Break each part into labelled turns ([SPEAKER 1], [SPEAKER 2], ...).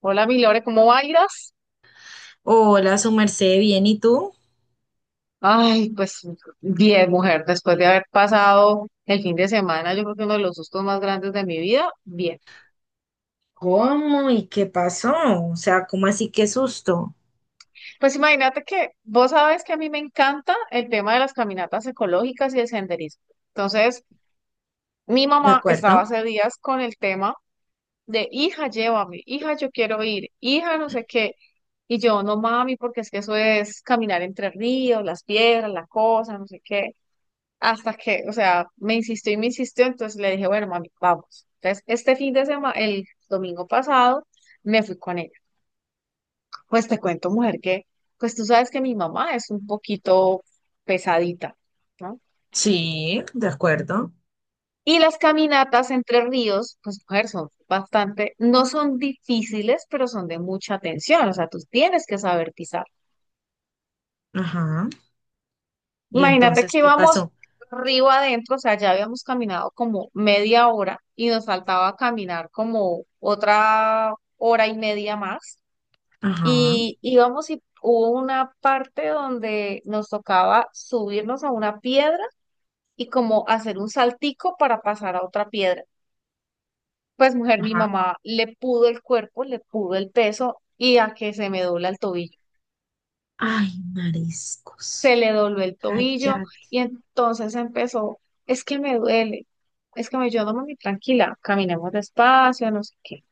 [SPEAKER 1] Hola, mi Lore, ¿cómo bailas?
[SPEAKER 2] Hola, su merced, bien, ¿y tú?
[SPEAKER 1] Ay, pues bien, mujer, después de haber pasado el fin de semana, yo creo que uno de los sustos más grandes de mi vida, bien.
[SPEAKER 2] ¿Cómo y qué pasó? O sea, ¿cómo así qué susto?
[SPEAKER 1] Pues imagínate que vos sabes que a mí me encanta el tema de las caminatas ecológicas y el senderismo. Entonces, mi
[SPEAKER 2] ¿De
[SPEAKER 1] mamá estaba
[SPEAKER 2] acuerdo?
[SPEAKER 1] hace días con el tema de, hija, llévame, hija, yo quiero ir, hija, no sé qué. Y yo, no mami, porque es que eso es caminar entre ríos, las piedras, la cosa, no sé qué. Hasta que, o sea, me insistió y me insistió, entonces le dije, bueno, mami, vamos. Entonces, este fin de semana, el domingo pasado, me fui con ella. Pues te cuento, mujer, que, pues tú sabes que mi mamá es un poquito pesadita, ¿no?
[SPEAKER 2] Sí, de acuerdo.
[SPEAKER 1] Y las caminatas entre ríos, pues mujer, son bastante, no son difíciles, pero son de mucha atención, o sea, tú tienes que saber pisar.
[SPEAKER 2] Ajá. ¿Y
[SPEAKER 1] Imagínate
[SPEAKER 2] entonces
[SPEAKER 1] que
[SPEAKER 2] qué
[SPEAKER 1] íbamos
[SPEAKER 2] pasó?
[SPEAKER 1] río adentro, o sea, ya habíamos caminado como media hora y nos faltaba caminar como otra hora y media más.
[SPEAKER 2] Ajá,
[SPEAKER 1] Y íbamos y hubo una parte donde nos tocaba subirnos a una piedra y como hacer un saltico para pasar a otra piedra. Pues mujer, mi
[SPEAKER 2] ajá.
[SPEAKER 1] mamá le pudo el cuerpo, le pudo el peso y a que se me dobla el tobillo.
[SPEAKER 2] Ay, mariscos.
[SPEAKER 1] Se le dobló el tobillo
[SPEAKER 2] Cállate.
[SPEAKER 1] y entonces empezó, es que me duele, es que me, yo no me tranquila, caminemos despacio, no sé qué.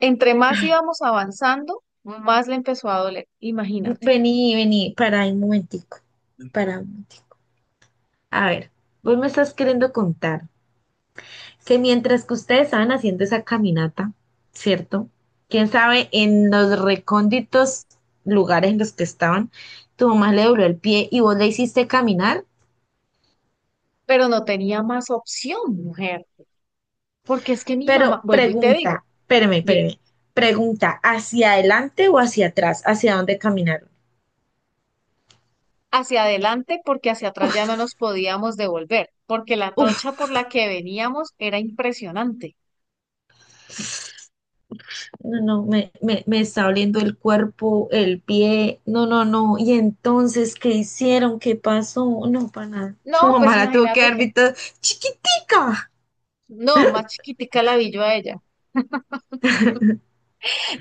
[SPEAKER 1] Entre más
[SPEAKER 2] Ay,
[SPEAKER 1] íbamos avanzando, más le empezó a doler, imagínate.
[SPEAKER 2] vení, vení, para un momentico. Para un momentico. A ver, vos me estás queriendo contar que mientras que ustedes estaban haciendo esa caminata, ¿cierto? Quién sabe, en los recónditos lugares en los que estaban, tu mamá le dobló el pie y vos le hiciste caminar.
[SPEAKER 1] Pero no tenía más opción, mujer, porque es que mi mamá,
[SPEAKER 2] Pero
[SPEAKER 1] vuelvo y te
[SPEAKER 2] pregunta,
[SPEAKER 1] digo,
[SPEAKER 2] espérame,
[SPEAKER 1] dime,
[SPEAKER 2] espérame, pregunta, ¿hacia adelante o hacia atrás? ¿Hacia dónde caminaron?
[SPEAKER 1] hacia adelante porque hacia atrás ya no
[SPEAKER 2] Uf,
[SPEAKER 1] nos podíamos devolver, porque la trocha
[SPEAKER 2] uf,
[SPEAKER 1] por la que veníamos era impresionante.
[SPEAKER 2] no, no, me está oliendo el cuerpo, el pie, no, no, no. Y entonces, ¿qué hicieron? ¿Qué pasó? No, para nada.
[SPEAKER 1] No,
[SPEAKER 2] Su
[SPEAKER 1] pues
[SPEAKER 2] mamá la tuvo que
[SPEAKER 1] imagínate
[SPEAKER 2] dar
[SPEAKER 1] que,
[SPEAKER 2] visto chiquitica.
[SPEAKER 1] no, más chiquitica la vi yo a ella.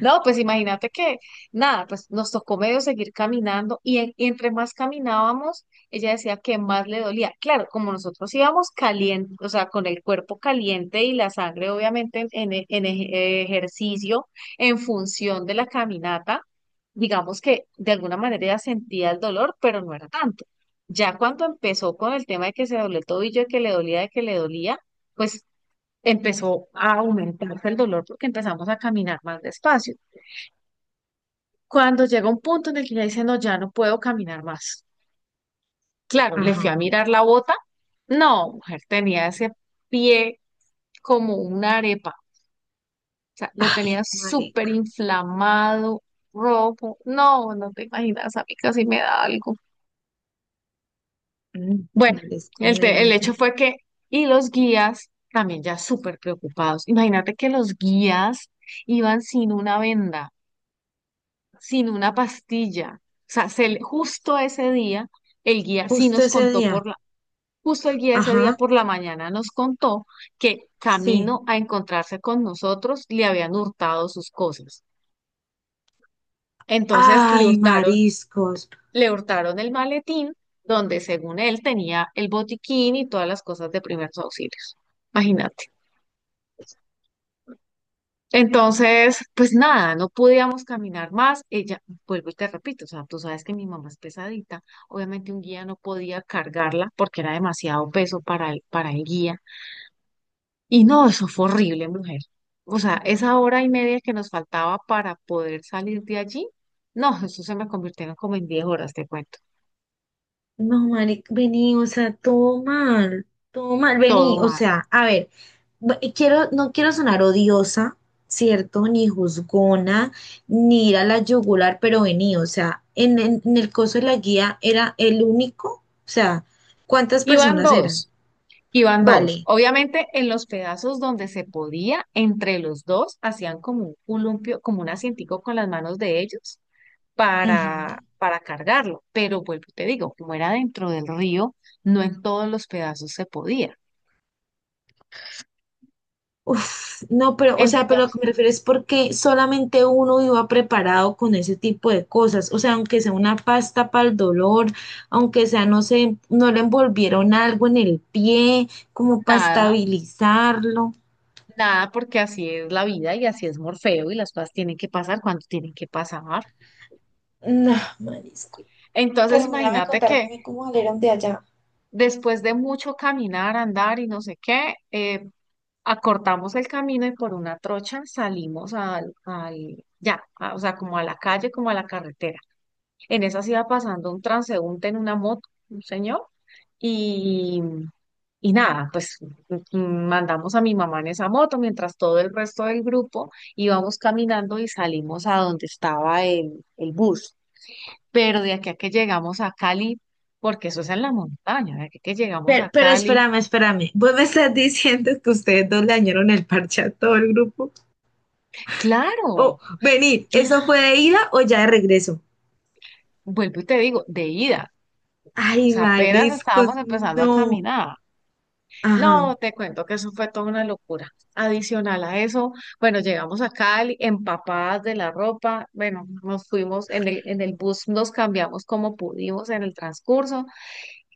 [SPEAKER 1] No, pues imagínate que, nada, pues nos tocó medio seguir caminando y, y entre más caminábamos, ella decía que más le dolía. Claro, como nosotros íbamos caliente, o sea, con el cuerpo caliente y la sangre obviamente en, en ejercicio, en función de la caminata, digamos que de alguna manera ella sentía el dolor, pero no era tanto. Ya cuando empezó con el tema de que se dobló el tobillo, de que le dolía, de que le dolía, pues empezó a aumentarse el dolor porque empezamos a caminar más despacio cuando llega un punto en el que ella dice, no, ya no puedo caminar más. Claro, le
[SPEAKER 2] Ajá.
[SPEAKER 1] fui a mirar la bota. No, mujer, tenía ese pie como una arepa. O sea, lo
[SPEAKER 2] Ay,
[SPEAKER 1] tenía súper
[SPEAKER 2] marica.
[SPEAKER 1] inflamado, rojo. No, no te imaginas, a mí casi me da algo.
[SPEAKER 2] Mm,
[SPEAKER 1] Bueno,
[SPEAKER 2] Marisco, no
[SPEAKER 1] el hecho
[SPEAKER 2] imagino.
[SPEAKER 1] fue que, y los guías también ya súper preocupados. Imagínate que los guías iban sin una venda, sin una pastilla. O sea, justo ese día el guía sí
[SPEAKER 2] Justo
[SPEAKER 1] nos
[SPEAKER 2] ese
[SPEAKER 1] contó por
[SPEAKER 2] día.
[SPEAKER 1] la Justo el guía ese día
[SPEAKER 2] Ajá,
[SPEAKER 1] por la mañana nos contó que
[SPEAKER 2] sí.
[SPEAKER 1] camino a encontrarse con nosotros le habían hurtado sus cosas. Entonces
[SPEAKER 2] Ay, mariscos.
[SPEAKER 1] le hurtaron el maletín donde según él tenía el botiquín y todas las cosas de primeros auxilios. Imagínate. Entonces, pues nada, no podíamos caminar más. Ella, vuelvo y te repito, o sea, tú sabes que mi mamá es pesadita. Obviamente un guía no podía cargarla porque era demasiado peso para para el guía. Y no, eso fue horrible, mujer. O sea, esa hora y media que nos faltaba para poder salir de allí, no, eso se me convirtieron como en diez horas, te cuento.
[SPEAKER 2] No, marica, vení, o sea, todo mal. Todo mal,
[SPEAKER 1] Todo
[SPEAKER 2] vení. O
[SPEAKER 1] mal.
[SPEAKER 2] sea, a ver, quiero, no quiero sonar odiosa, ¿cierto? Ni juzgona, ni ir a la yugular, pero vení, o sea, en el coso de la guía era el único. O sea, ¿cuántas
[SPEAKER 1] Iban
[SPEAKER 2] personas eran?
[SPEAKER 1] dos, iban dos.
[SPEAKER 2] Vale.
[SPEAKER 1] Obviamente, en los pedazos donde se podía, entre los dos, hacían como un columpio, como un asientico con las manos de ellos para,
[SPEAKER 2] Ujú.
[SPEAKER 1] para cargarlo. Pero vuelvo y te digo, como era dentro del río, no en todos los pedazos se podía.
[SPEAKER 2] Uf, no, pero, o sea, pero lo que me
[SPEAKER 1] Entonces,
[SPEAKER 2] refiero es porque solamente uno iba preparado con ese tipo de cosas. O sea, aunque sea una pasta para el dolor, aunque sea, no sé, no le envolvieron algo en el pie, como para
[SPEAKER 1] nada.
[SPEAKER 2] estabilizarlo.
[SPEAKER 1] Nada, porque así es la vida y así es Morfeo y las cosas tienen que pasar cuando tienen que pasar.
[SPEAKER 2] No, marisco.
[SPEAKER 1] Entonces,
[SPEAKER 2] Terminaba de
[SPEAKER 1] imagínate que
[SPEAKER 2] contarme cómo salieron de allá.
[SPEAKER 1] después de mucho caminar, andar y no sé qué, acortamos el camino y por una trocha salimos o sea, como a la calle, como a la carretera. En esas iba pasando un transeúnte en una moto, un señor, y nada, pues mandamos a mi mamá en esa moto mientras todo el resto del grupo íbamos caminando y salimos a donde estaba el bus. Pero de aquí a que llegamos a Cali, porque eso es en la montaña, de aquí a que llegamos a
[SPEAKER 2] Pero
[SPEAKER 1] Cali,
[SPEAKER 2] espérame, espérame. ¿Vos me estás diciendo que ustedes dos le dañaron el parche a todo el grupo? Oh,
[SPEAKER 1] claro,
[SPEAKER 2] vení,
[SPEAKER 1] claro,
[SPEAKER 2] ¿eso fue de ida o ya de regreso?
[SPEAKER 1] vuelvo y te digo, de ida. O
[SPEAKER 2] Ay,
[SPEAKER 1] sea, apenas estábamos
[SPEAKER 2] mariscos,
[SPEAKER 1] empezando a
[SPEAKER 2] no.
[SPEAKER 1] caminar.
[SPEAKER 2] Ajá,
[SPEAKER 1] No, te cuento que eso fue toda una locura. Adicional a eso, bueno, llegamos a Cali empapadas de la ropa, bueno, nos fuimos en en el bus, nos cambiamos como pudimos en el transcurso.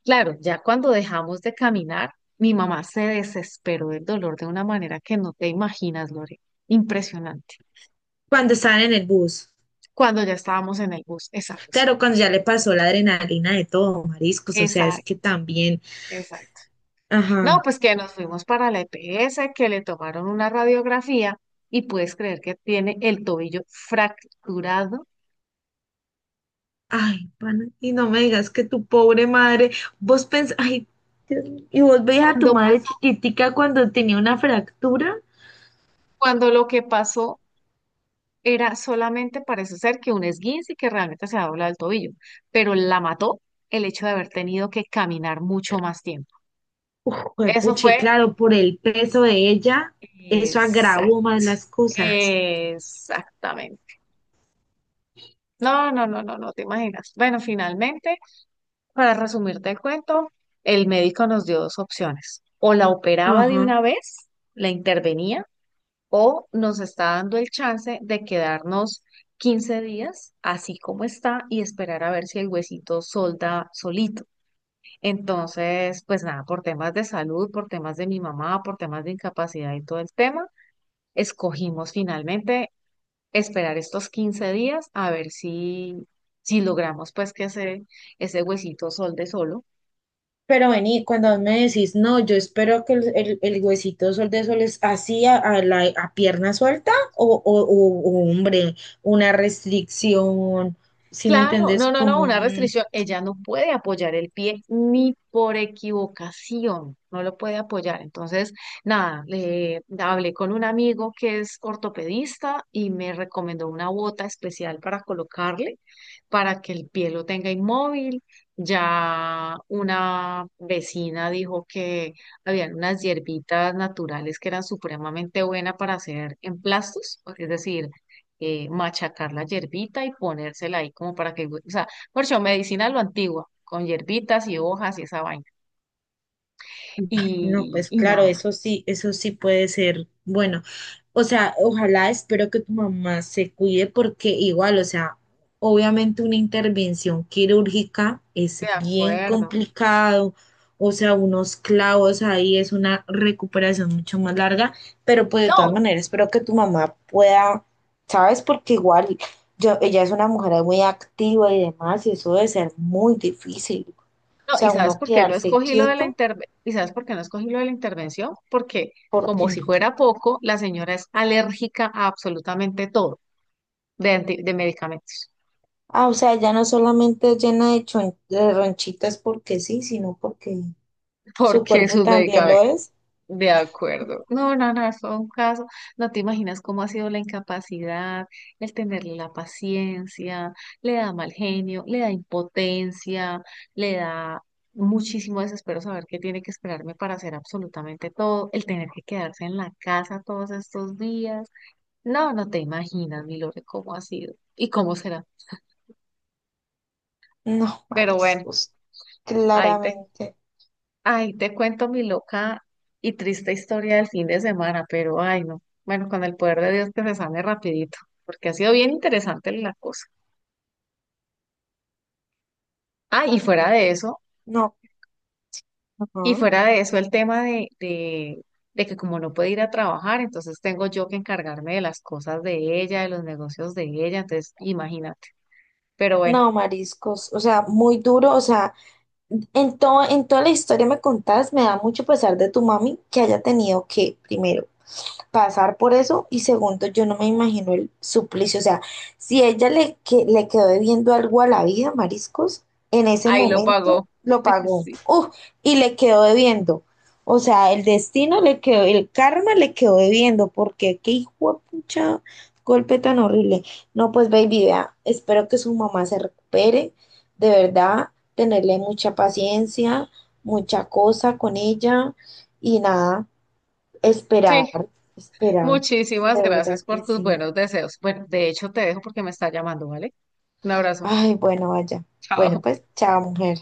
[SPEAKER 1] Claro, ya cuando dejamos de caminar, mi mamá se desesperó del dolor de una manera que no te imaginas, Lore. Impresionante.
[SPEAKER 2] cuando estaban en el bus.
[SPEAKER 1] Cuando ya estábamos en el bus, exacto,
[SPEAKER 2] Claro, cuando ya le pasó la adrenalina de todo, mariscos, o sea, es que
[SPEAKER 1] exacto,
[SPEAKER 2] también,
[SPEAKER 1] exacto. No,
[SPEAKER 2] ajá,
[SPEAKER 1] pues que nos fuimos para la EPS, que le tomaron una radiografía y puedes creer que tiene el tobillo fracturado
[SPEAKER 2] ay, pana, y no me digas que tu pobre madre, vos pensás, ay, Dios mío, y vos veías a tu
[SPEAKER 1] cuando,
[SPEAKER 2] madre chiquitica cuando tenía una fractura.
[SPEAKER 1] cuando lo que pasó era solamente parece ser que un esguince y que realmente se ha doblado el tobillo, pero la mató el hecho de haber tenido que caminar mucho más tiempo.
[SPEAKER 2] Uf,
[SPEAKER 1] Eso
[SPEAKER 2] puche,
[SPEAKER 1] fue
[SPEAKER 2] claro, por el peso de ella, eso
[SPEAKER 1] exact-
[SPEAKER 2] agravó más las cosas.
[SPEAKER 1] exactamente. No, no, no, no, no te imaginas. Bueno, finalmente para resumirte el cuento, el médico nos dio dos opciones. O la operaba de
[SPEAKER 2] Ajá.
[SPEAKER 1] una vez, la intervenía, o nos está dando el chance de quedarnos 15 días así como está y esperar a ver si el huesito solda solito. Entonces, pues nada, por temas de salud, por temas de mi mamá, por temas de incapacidad y todo el tema, escogimos finalmente esperar estos 15 días a ver si, si logramos pues que ese huesito solde solo.
[SPEAKER 2] Pero vení, cuando me decís, no, yo espero que el huesito sol de sol es así a pierna suelta o hombre, una restricción, ¿si me
[SPEAKER 1] Claro,
[SPEAKER 2] entendés?
[SPEAKER 1] no, no, no,
[SPEAKER 2] Como
[SPEAKER 1] una
[SPEAKER 2] un...
[SPEAKER 1] restricción. Ella no puede apoyar el pie ni por equivocación, no lo puede apoyar. Entonces, nada, le hablé con un amigo que es ortopedista y me recomendó una bota especial para colocarle, para que el pie lo tenga inmóvil. Ya una vecina dijo que habían unas hierbitas naturales que eran supremamente buenas para hacer emplastos, es decir, machacar la hierbita y ponérsela ahí como para que, o sea, por eso medicina a lo antigua, con hierbitas y hojas y esa vaina.
[SPEAKER 2] No,
[SPEAKER 1] Y,
[SPEAKER 2] pues
[SPEAKER 1] y
[SPEAKER 2] claro,
[SPEAKER 1] nada,
[SPEAKER 2] eso sí puede ser bueno. O sea, ojalá, espero que tu mamá se cuide porque igual, o sea, obviamente una intervención quirúrgica
[SPEAKER 1] de
[SPEAKER 2] es bien
[SPEAKER 1] acuerdo.
[SPEAKER 2] complicado, o sea, unos clavos ahí es una recuperación mucho más larga, pero pues de todas
[SPEAKER 1] No,
[SPEAKER 2] maneras espero que tu mamá pueda, ¿sabes? Porque igual yo, ella es una mujer muy activa y demás, y eso debe ser muy difícil. O
[SPEAKER 1] no, ¿y
[SPEAKER 2] sea,
[SPEAKER 1] sabes
[SPEAKER 2] uno
[SPEAKER 1] por qué no
[SPEAKER 2] quedarse
[SPEAKER 1] escogí lo de la
[SPEAKER 2] quieto
[SPEAKER 1] intervención? ¿Y sabes por qué no escogí lo de la intervención? Porque como
[SPEAKER 2] porque...
[SPEAKER 1] si fuera poco, la señora es alérgica a absolutamente todo de, de medicamentos,
[SPEAKER 2] Ah, o sea, ya no solamente es llena de, de ronchitas porque sí, sino porque su
[SPEAKER 1] porque
[SPEAKER 2] cuerpo
[SPEAKER 1] sus
[SPEAKER 2] también lo
[SPEAKER 1] medicamentos
[SPEAKER 2] es.
[SPEAKER 1] de acuerdo. No, no, no, fue un caso. No te imaginas cómo ha sido la incapacidad, el tenerle la paciencia, le da mal genio, le da impotencia, le da muchísimo desespero saber que tiene que esperarme para hacer absolutamente todo, el tener que quedarse en la casa todos estos días. No, no te imaginas, mi Lore, cómo ha sido y cómo será.
[SPEAKER 2] No,
[SPEAKER 1] Pero bueno,
[SPEAKER 2] mariscos,
[SPEAKER 1] ahí te
[SPEAKER 2] claramente.
[SPEAKER 1] ay, te cuento mi loca y triste historia del fin de semana, pero ay, no. Bueno, con el poder de Dios que se sane rapidito, porque ha sido bien interesante la cosa. Ah, y fuera de eso,
[SPEAKER 2] No,
[SPEAKER 1] y
[SPEAKER 2] ajá,
[SPEAKER 1] fuera de eso el tema de que como no puede ir a trabajar, entonces tengo yo que encargarme de las cosas de ella, de los negocios de ella, entonces imagínate. Pero bueno,
[SPEAKER 2] no, mariscos. O sea, muy duro. O sea, en todo, en toda la historia me contás, me da mucho pesar de tu mami que haya tenido que, primero, pasar por eso y segundo, yo no me imagino el suplicio, o sea, si ella le, que, le quedó debiendo algo a la vida, mariscos, en ese
[SPEAKER 1] ahí lo
[SPEAKER 2] momento
[SPEAKER 1] pagó.
[SPEAKER 2] lo pagó.
[SPEAKER 1] Sí.
[SPEAKER 2] ¡Uf! Y le quedó debiendo. O sea, el destino le quedó, el karma le quedó debiendo, porque qué hijo de pucha golpe tan horrible. No, pues baby, vea, espero que su mamá se recupere, de verdad, tenerle mucha paciencia, mucha cosa con ella y nada. Esperar,
[SPEAKER 1] Sí,
[SPEAKER 2] esperar.
[SPEAKER 1] muchísimas
[SPEAKER 2] De verdad
[SPEAKER 1] gracias
[SPEAKER 2] que
[SPEAKER 1] por tus
[SPEAKER 2] sí.
[SPEAKER 1] buenos deseos. Bueno, de hecho te dejo porque me está llamando, ¿vale? Un abrazo.
[SPEAKER 2] Ay, bueno, vaya. Bueno,
[SPEAKER 1] Chao.
[SPEAKER 2] pues chao, mujer.